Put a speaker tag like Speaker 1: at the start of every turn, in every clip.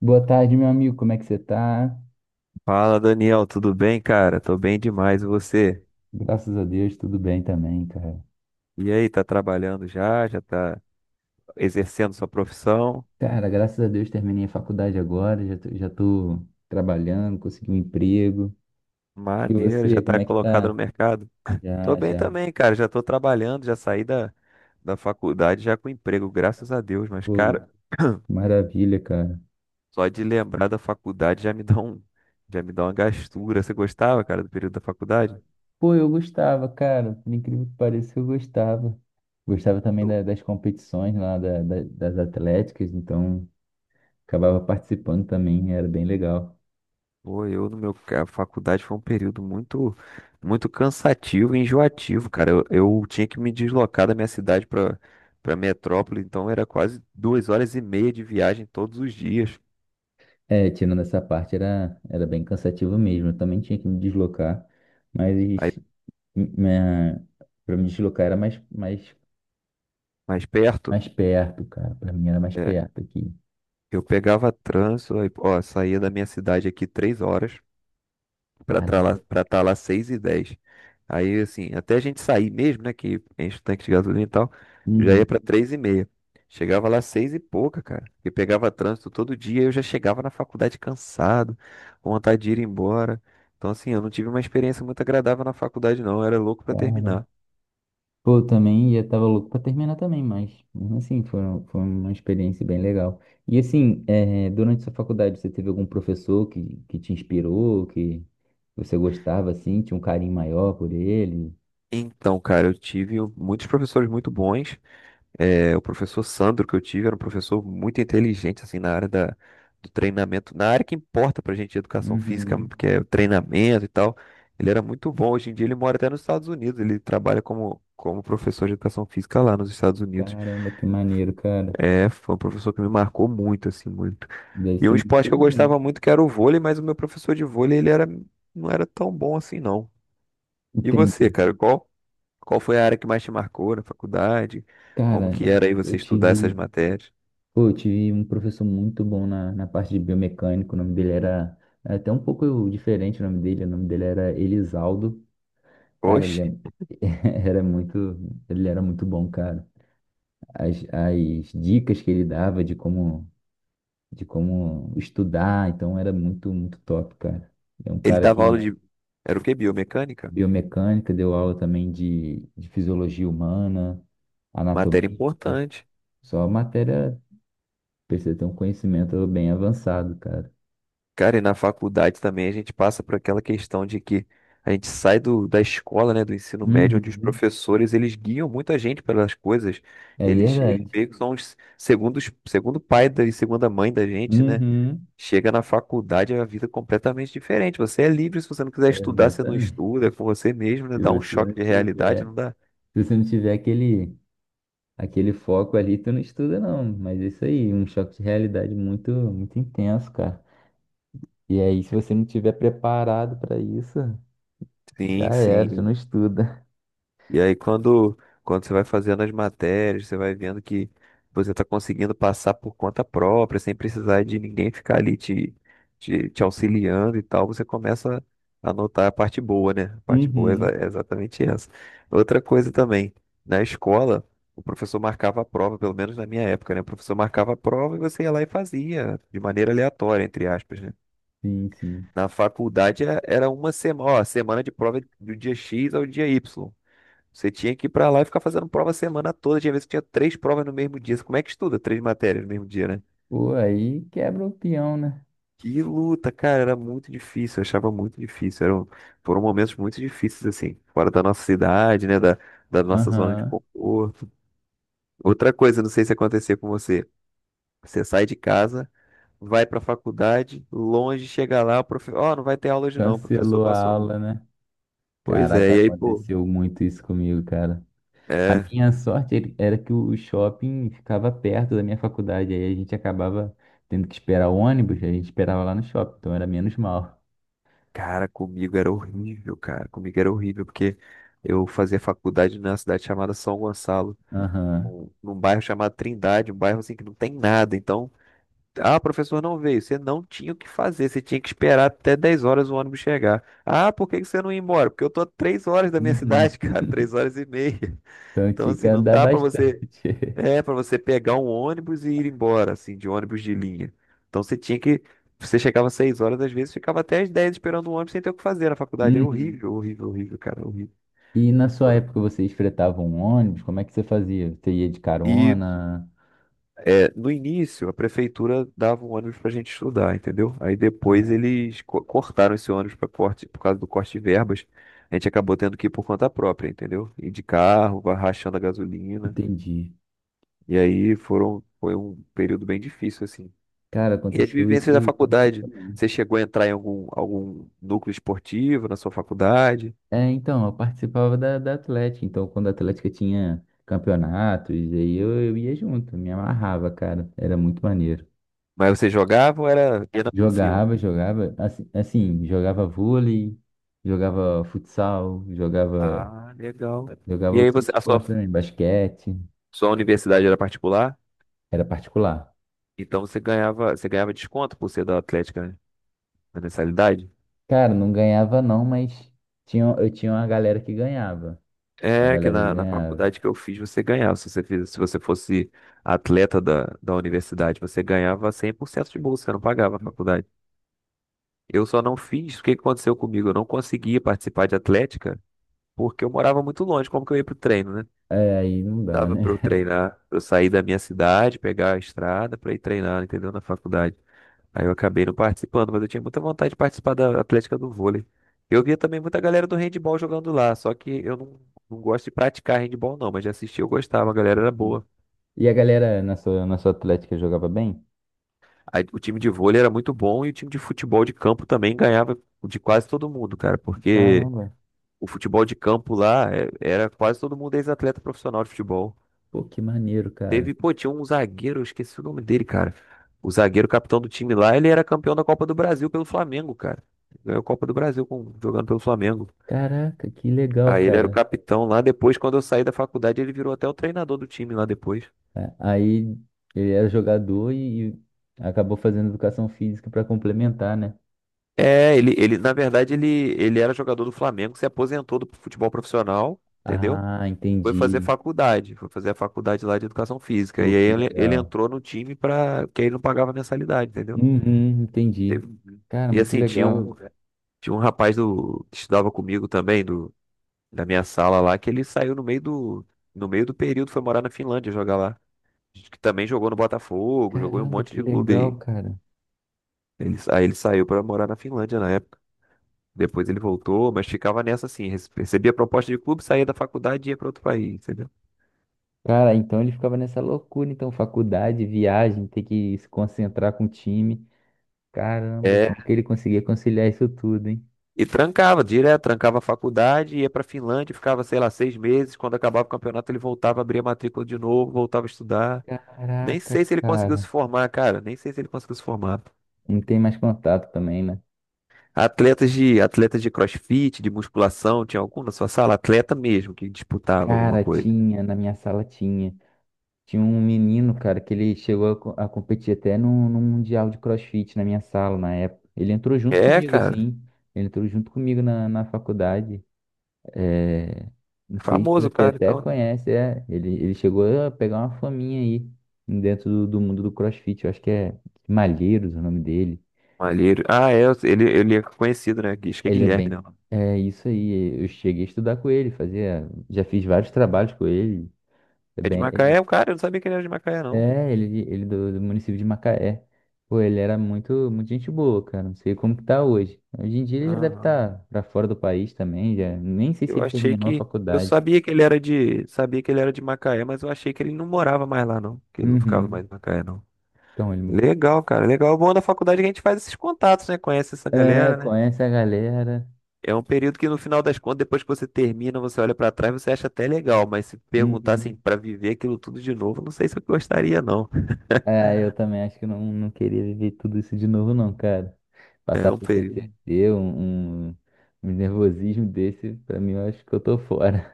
Speaker 1: Boa tarde, meu amigo. Como é que você tá?
Speaker 2: Fala, Daniel, tudo bem, cara? Tô bem demais, e você?
Speaker 1: Graças a Deus, tudo bem também, cara.
Speaker 2: E aí, tá trabalhando já? Já tá exercendo sua profissão?
Speaker 1: Cara, graças a Deus terminei a faculdade agora, já tô trabalhando, consegui um emprego. E
Speaker 2: Maneiro, já
Speaker 1: você,
Speaker 2: tá
Speaker 1: como é que
Speaker 2: colocado no
Speaker 1: tá?
Speaker 2: mercado. Tô
Speaker 1: Já,
Speaker 2: bem
Speaker 1: já.
Speaker 2: também, cara, já tô trabalhando, já saí da faculdade já com emprego, graças a Deus, mas,
Speaker 1: Pô,
Speaker 2: cara,
Speaker 1: maravilha, cara.
Speaker 2: só de lembrar da faculdade já me dá já me dá uma gastura. Você gostava, cara, do período da faculdade?
Speaker 1: Pô, eu gostava, cara. Por incrível que pareça, eu gostava. Gostava também das competições lá, das atléticas, então acabava participando também, era bem legal.
Speaker 2: Pô, eu no a faculdade foi um período muito cansativo e enjoativo, cara. Eu tinha que me deslocar da minha cidade para metrópole, então era quase 2 horas e meia de viagem todos os dias.
Speaker 1: É, tirando essa parte era bem cansativo mesmo. Eu também tinha que me deslocar, mas
Speaker 2: Aí
Speaker 1: minha, pra me deslocar era mais, mais,
Speaker 2: mais perto,
Speaker 1: mais perto, cara. Pra mim era mais
Speaker 2: é,
Speaker 1: perto aqui.
Speaker 2: eu pegava trânsito, aí, ó, saía da minha cidade aqui 3 horas,
Speaker 1: Caramba.
Speaker 2: para estar lá 6 e 10. Aí, assim, até a gente sair mesmo, né, que enche o tanque de gasolina e tal, já ia
Speaker 1: Uhum.
Speaker 2: para 3 e meia. Chegava lá 6 e pouca, cara. E pegava trânsito todo dia, eu já chegava na faculdade cansado, com vontade de ir embora. Então, assim, eu não tive uma experiência muito agradável na faculdade, não. Eu era louco para
Speaker 1: Cara.
Speaker 2: terminar.
Speaker 1: Pô, eu também já tava louco pra terminar também, mas mesmo assim foi uma experiência bem legal. E assim, é, durante sua faculdade, você teve algum professor que te inspirou, que você gostava assim, tinha um carinho maior por ele?
Speaker 2: Então, cara, eu tive muitos professores muito bons. É, o professor Sandro que eu tive era um professor muito inteligente, assim, na área do treinamento, na área que importa pra gente, educação física,
Speaker 1: Uhum.
Speaker 2: que é o treinamento e tal. Ele era muito bom. Hoje em dia ele mora até nos Estados Unidos, ele trabalha como professor de educação física lá nos Estados Unidos.
Speaker 1: Caramba, que maneiro, cara.
Speaker 2: É, foi um professor que me marcou muito, assim, muito.
Speaker 1: Deve
Speaker 2: E um
Speaker 1: ser muito
Speaker 2: esporte que eu gostava
Speaker 1: inteligente.
Speaker 2: muito que era o vôlei, mas o meu professor de vôlei, não era tão bom assim, não. E você,
Speaker 1: Entendi.
Speaker 2: cara, qual foi a área que mais te marcou na faculdade? Como
Speaker 1: Cara,
Speaker 2: que era aí você
Speaker 1: eu
Speaker 2: estudar essas
Speaker 1: tive,
Speaker 2: matérias?
Speaker 1: pô, eu tive um professor muito bom na, na parte de biomecânico. O nome dele era é até um pouco diferente o nome dele. O nome dele era Elisaldo. Cara,
Speaker 2: Oxe,
Speaker 1: ele é- era muito, ele era muito bom, cara. As dicas que ele dava de como estudar, então era muito, muito top, cara. É um
Speaker 2: ele
Speaker 1: cara
Speaker 2: dava
Speaker 1: que
Speaker 2: aula de. Era o quê? Biomecânica?
Speaker 1: biomecânica, deu aula também de fisiologia humana,
Speaker 2: Matéria
Speaker 1: anatomia.
Speaker 2: importante.
Speaker 1: Só matéria precisa ter um conhecimento bem avançado, cara.
Speaker 2: Cara, e na faculdade também a gente passa por aquela questão de que a gente sai da escola, né, do ensino médio, onde os
Speaker 1: Uhum.
Speaker 2: professores eles guiam muita gente pelas coisas.
Speaker 1: É
Speaker 2: Eles
Speaker 1: verdade.
Speaker 2: meio que são os segundos, segundo pai e segunda mãe da gente, né?
Speaker 1: Uhum.
Speaker 2: Chega na faculdade, é uma vida é completamente diferente. Você é livre, se você não quiser estudar, você não
Speaker 1: Exatamente.
Speaker 2: estuda, é com você mesmo, né?
Speaker 1: Se
Speaker 2: Dá um
Speaker 1: você
Speaker 2: choque
Speaker 1: não
Speaker 2: de realidade,
Speaker 1: tiver,
Speaker 2: não dá?
Speaker 1: se você não tiver aquele, aquele foco ali, tu não estuda não. Mas é isso aí, um choque de realidade muito, muito intenso, cara. E aí, se você não tiver preparado para isso, já
Speaker 2: Sim,
Speaker 1: era, você não
Speaker 2: sim.
Speaker 1: estuda.
Speaker 2: E aí, quando você vai fazendo as matérias, você vai vendo que você está conseguindo passar por conta própria, sem precisar de ninguém ficar ali te auxiliando e tal, você começa a notar a parte boa, né? A parte boa é
Speaker 1: Uhum.
Speaker 2: é exatamente essa. Outra coisa também, na escola, o professor marcava a prova, pelo menos na minha época, né? O professor marcava a prova e você ia lá e fazia, de maneira aleatória, entre aspas, né?
Speaker 1: Sim, sim.
Speaker 2: Na faculdade era uma semana, ó, semana de prova do dia X ao dia Y. Você tinha que ir pra lá e ficar fazendo prova a semana toda. Tinha vezes que tinha 3 provas no mesmo dia. Como é que estuda 3 matérias no mesmo dia, né?
Speaker 1: Pô, aí quebra o peão, né?
Speaker 2: Que luta, cara, era muito difícil, eu achava muito difícil. Foram momentos muito difíceis, assim, fora da nossa cidade, né? Da nossa zona de
Speaker 1: Aham.
Speaker 2: conforto. Outra coisa, não sei se acontecer com você. Você sai de casa, vai pra faculdade, longe, chega lá, o profe... ó, não vai ter aula hoje não, o professor
Speaker 1: Cancelou a
Speaker 2: passou a mão.
Speaker 1: aula, né?
Speaker 2: Pois é,
Speaker 1: Caraca,
Speaker 2: e aí, pô,
Speaker 1: aconteceu muito isso comigo, cara. A
Speaker 2: é,
Speaker 1: minha sorte era que o shopping ficava perto da minha faculdade, aí a gente acabava tendo que esperar o ônibus, a gente esperava lá no shopping, então era menos mal.
Speaker 2: cara, comigo era horrível, cara. Comigo era horrível, porque eu fazia faculdade numa cidade chamada São Gonçalo,
Speaker 1: Aham.
Speaker 2: num bairro chamado Trindade, um bairro assim que não tem nada. Então, ah, professor não veio. Você não tinha o que fazer, você tinha que esperar até 10 horas o ônibus chegar. Ah, por que que você não ia embora? Porque eu tô a 3 horas da minha
Speaker 1: Uhum.
Speaker 2: cidade, cara, 3 horas e meia.
Speaker 1: Então
Speaker 2: Então,
Speaker 1: tinha que
Speaker 2: assim, não
Speaker 1: andar
Speaker 2: dá pra você.
Speaker 1: bastante.
Speaker 2: É, para você pegar um ônibus e ir embora, assim, de ônibus de linha. Então você tinha que. Você chegava às 6 horas, às vezes ficava até às 10 esperando o ônibus sem ter o que fazer na faculdade. Era
Speaker 1: Uhum.
Speaker 2: horrível, horrível, horrível, cara, horrível.
Speaker 1: E na sua época vocês fretavam um ônibus? Como é que você fazia? Você ia de
Speaker 2: E
Speaker 1: carona?
Speaker 2: é, no início, a prefeitura dava um ônibus pra gente estudar, entendeu? Aí depois
Speaker 1: Aham.
Speaker 2: eles cortaram esse ônibus para corte, por causa do corte de verbas. A gente acabou tendo que ir por conta própria, entendeu? Ir de carro, vai rachando a gasolina.
Speaker 1: Entendi.
Speaker 2: E aí foi um período bem difícil, assim.
Speaker 1: Cara,
Speaker 2: E as
Speaker 1: aconteceu
Speaker 2: vivências da
Speaker 1: isso parecido
Speaker 2: faculdade?
Speaker 1: também.
Speaker 2: Você chegou a entrar em algum núcleo esportivo na sua faculdade?
Speaker 1: É, então, eu participava da Atlética. Então, quando a Atlética tinha campeonatos, aí eu ia junto, me amarrava, cara. Era muito maneiro.
Speaker 2: Mas você jogava ou era apenas passivo?
Speaker 1: Jogava, assim, assim, jogava vôlei, jogava futsal, jogava,
Speaker 2: Ah, legal.
Speaker 1: jogava
Speaker 2: E aí
Speaker 1: outros
Speaker 2: você,
Speaker 1: esportes também, basquete,
Speaker 2: sua universidade era particular?
Speaker 1: era particular.
Speaker 2: Então você ganhava desconto por ser da Atlética, né? Na mensalidade?
Speaker 1: Cara, não ganhava não, mas tinha, eu tinha uma galera que ganhava. Tinha uma
Speaker 2: É que
Speaker 1: galera que
Speaker 2: na
Speaker 1: ganhava.
Speaker 2: faculdade que eu fiz você ganhava. Se você fiz, se você fosse atleta da universidade, você ganhava 100% de bolsa, você não pagava a faculdade. Eu só não fiz, o que que aconteceu comigo? Eu não conseguia participar de atlética porque eu morava muito longe, como que eu ia pro treino, né?
Speaker 1: É, aí não dá,
Speaker 2: Dava pra eu
Speaker 1: né?
Speaker 2: treinar, pra eu sair da minha cidade, pegar a estrada pra ir treinar, entendeu? Na faculdade. Aí eu acabei não participando, mas eu tinha muita vontade de participar da Atlética do vôlei. Eu via também muita galera do handball jogando lá, só que eu não, não gosto de praticar handball não, mas de assistir eu gostava, a galera era boa.
Speaker 1: E a galera na sua Atlética jogava bem?
Speaker 2: Aí o time de vôlei era muito bom e o time de futebol de campo também ganhava de quase todo mundo, cara, porque
Speaker 1: Caramba.
Speaker 2: o futebol de campo lá era quase todo mundo ex-atleta profissional de futebol.
Speaker 1: Pô, que maneiro,
Speaker 2: Teve,
Speaker 1: cara.
Speaker 2: pô, tinha um zagueiro, eu esqueci o nome dele, cara. O zagueiro capitão do time lá, ele era campeão da Copa do Brasil pelo Flamengo, cara. Ganhou a Copa do Brasil jogando pelo Flamengo.
Speaker 1: Caraca, que legal,
Speaker 2: Aí ele era o
Speaker 1: cara.
Speaker 2: capitão lá. Depois, quando eu saí da faculdade, ele virou até o treinador do time lá depois.
Speaker 1: Aí ele era jogador e acabou fazendo educação física para complementar, né?
Speaker 2: É, ele, na verdade, ele era jogador do Flamengo, se aposentou do futebol profissional, entendeu?
Speaker 1: Ah,
Speaker 2: E foi fazer
Speaker 1: entendi.
Speaker 2: faculdade, foi fazer a faculdade lá de educação física.
Speaker 1: Pô,
Speaker 2: E aí
Speaker 1: que
Speaker 2: ele
Speaker 1: legal.
Speaker 2: entrou no time pra, que aí não pagava mensalidade, entendeu?
Speaker 1: Uhum, entendi.
Speaker 2: Teve-
Speaker 1: Cara,
Speaker 2: E
Speaker 1: muito
Speaker 2: assim, tinha
Speaker 1: legal.
Speaker 2: um. Tinha um rapaz que estudava comigo também, do, da minha sala lá, que ele saiu no meio no meio do período, foi morar na Finlândia jogar lá. Que também jogou no Botafogo, jogou em um
Speaker 1: Caramba,
Speaker 2: monte
Speaker 1: que
Speaker 2: de clube aí.
Speaker 1: legal, cara.
Speaker 2: Aí ele saiu pra morar na Finlândia na época. Depois ele voltou, mas ficava nessa assim, recebia proposta de clube, saía da faculdade e ia pra outro país, entendeu?
Speaker 1: Cara, então ele ficava nessa loucura, então, faculdade, viagem, ter que se concentrar com o time. Caramba,
Speaker 2: É,
Speaker 1: como que ele conseguia conciliar isso tudo, hein?
Speaker 2: e trancava, direto, trancava a faculdade, ia pra Finlândia, ficava, sei lá, 6 meses. Quando acabava o campeonato, ele voltava, abria a matrícula de novo, voltava a estudar. Nem
Speaker 1: Caraca,
Speaker 2: sei se ele conseguiu se
Speaker 1: cara.
Speaker 2: formar, cara. Nem sei se ele conseguiu se formar.
Speaker 1: Não tem mais contato também, né?
Speaker 2: Atletas atletas de CrossFit, de musculação, tinha algum na sua sala? Atleta mesmo que disputava alguma
Speaker 1: Cara,
Speaker 2: coisa.
Speaker 1: tinha, na minha sala tinha. Tinha um menino, cara, que ele chegou a, a competir até num mundial de CrossFit na minha sala na época. Ele entrou junto
Speaker 2: É,
Speaker 1: comigo,
Speaker 2: cara.
Speaker 1: assim. Ele entrou junto comigo na, na faculdade. É, não sei se
Speaker 2: Famoso,
Speaker 1: você
Speaker 2: cara,
Speaker 1: até
Speaker 2: então.
Speaker 1: conhece, é. Ele chegou a pegar uma faminha aí dentro do, do mundo do CrossFit. Eu acho que é Malheiros o nome dele.
Speaker 2: Malheiro. Ah, é, ele é conhecido, né? Acho que é
Speaker 1: Ele é
Speaker 2: Guilherme,
Speaker 1: bem.
Speaker 2: né?
Speaker 1: É isso aí. Eu cheguei a estudar com ele, fazia. Já fiz vários trabalhos com ele. É
Speaker 2: É de
Speaker 1: bem.
Speaker 2: Macaé,
Speaker 1: Ele
Speaker 2: o cara, eu não sabia que ele era de Macaé, não.
Speaker 1: é, ele do, do município de Macaé. Pô, ele era muito, muito gente boa, cara. Não sei como que tá hoje. Hoje em dia ele já deve
Speaker 2: Aham.
Speaker 1: estar pra fora do país também, já. Nem sei se
Speaker 2: Eu
Speaker 1: ele
Speaker 2: achei
Speaker 1: terminou a
Speaker 2: que. Eu
Speaker 1: faculdade.
Speaker 2: sabia que ele era de. Sabia que ele era de Macaé, mas eu achei que ele não morava mais lá, não. Que ele não ficava mais
Speaker 1: Uhum.
Speaker 2: em Macaé, não.
Speaker 1: Então ele
Speaker 2: Legal, cara. Legal. O bom da faculdade é que a gente faz esses contatos, né? Conhece essa
Speaker 1: é,
Speaker 2: galera, né?
Speaker 1: conhece a galera.
Speaker 2: É um período que, no final das contas, depois que você termina, você olha pra trás, você acha até legal, mas se perguntar assim,
Speaker 1: Uhum.
Speaker 2: pra viver aquilo tudo de novo, não sei se eu gostaria, não.
Speaker 1: É, eu também acho que não, não queria viver tudo isso de novo, não, cara.
Speaker 2: É
Speaker 1: Passar
Speaker 2: um
Speaker 1: por
Speaker 2: período.
Speaker 1: PTSD, um nervosismo desse, pra mim eu acho que eu tô fora.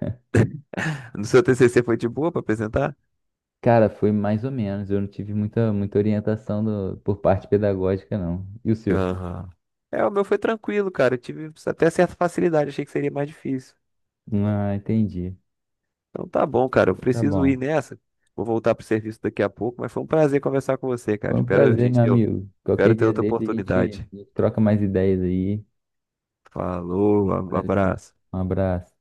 Speaker 2: No seu TCC foi de boa pra apresentar?
Speaker 1: Cara, foi mais ou menos. Eu não tive muita, muita orientação por parte pedagógica, não. E o seu?
Speaker 2: Aham. É, o meu foi tranquilo, cara. Eu tive até certa facilidade, achei que seria mais difícil.
Speaker 1: Ah, entendi.
Speaker 2: Então tá bom, cara. Eu
Speaker 1: Tá
Speaker 2: preciso ir
Speaker 1: bom.
Speaker 2: nessa. Vou voltar pro serviço daqui a pouco, mas foi um prazer conversar com você, cara.
Speaker 1: Foi um prazer, meu amigo. Qualquer
Speaker 2: Espero ter
Speaker 1: dia
Speaker 2: outra
Speaker 1: desse a gente
Speaker 2: oportunidade.
Speaker 1: a gente troca mais ideias aí.
Speaker 2: Falou,
Speaker 1: Valeu.
Speaker 2: abraço.
Speaker 1: Um abraço.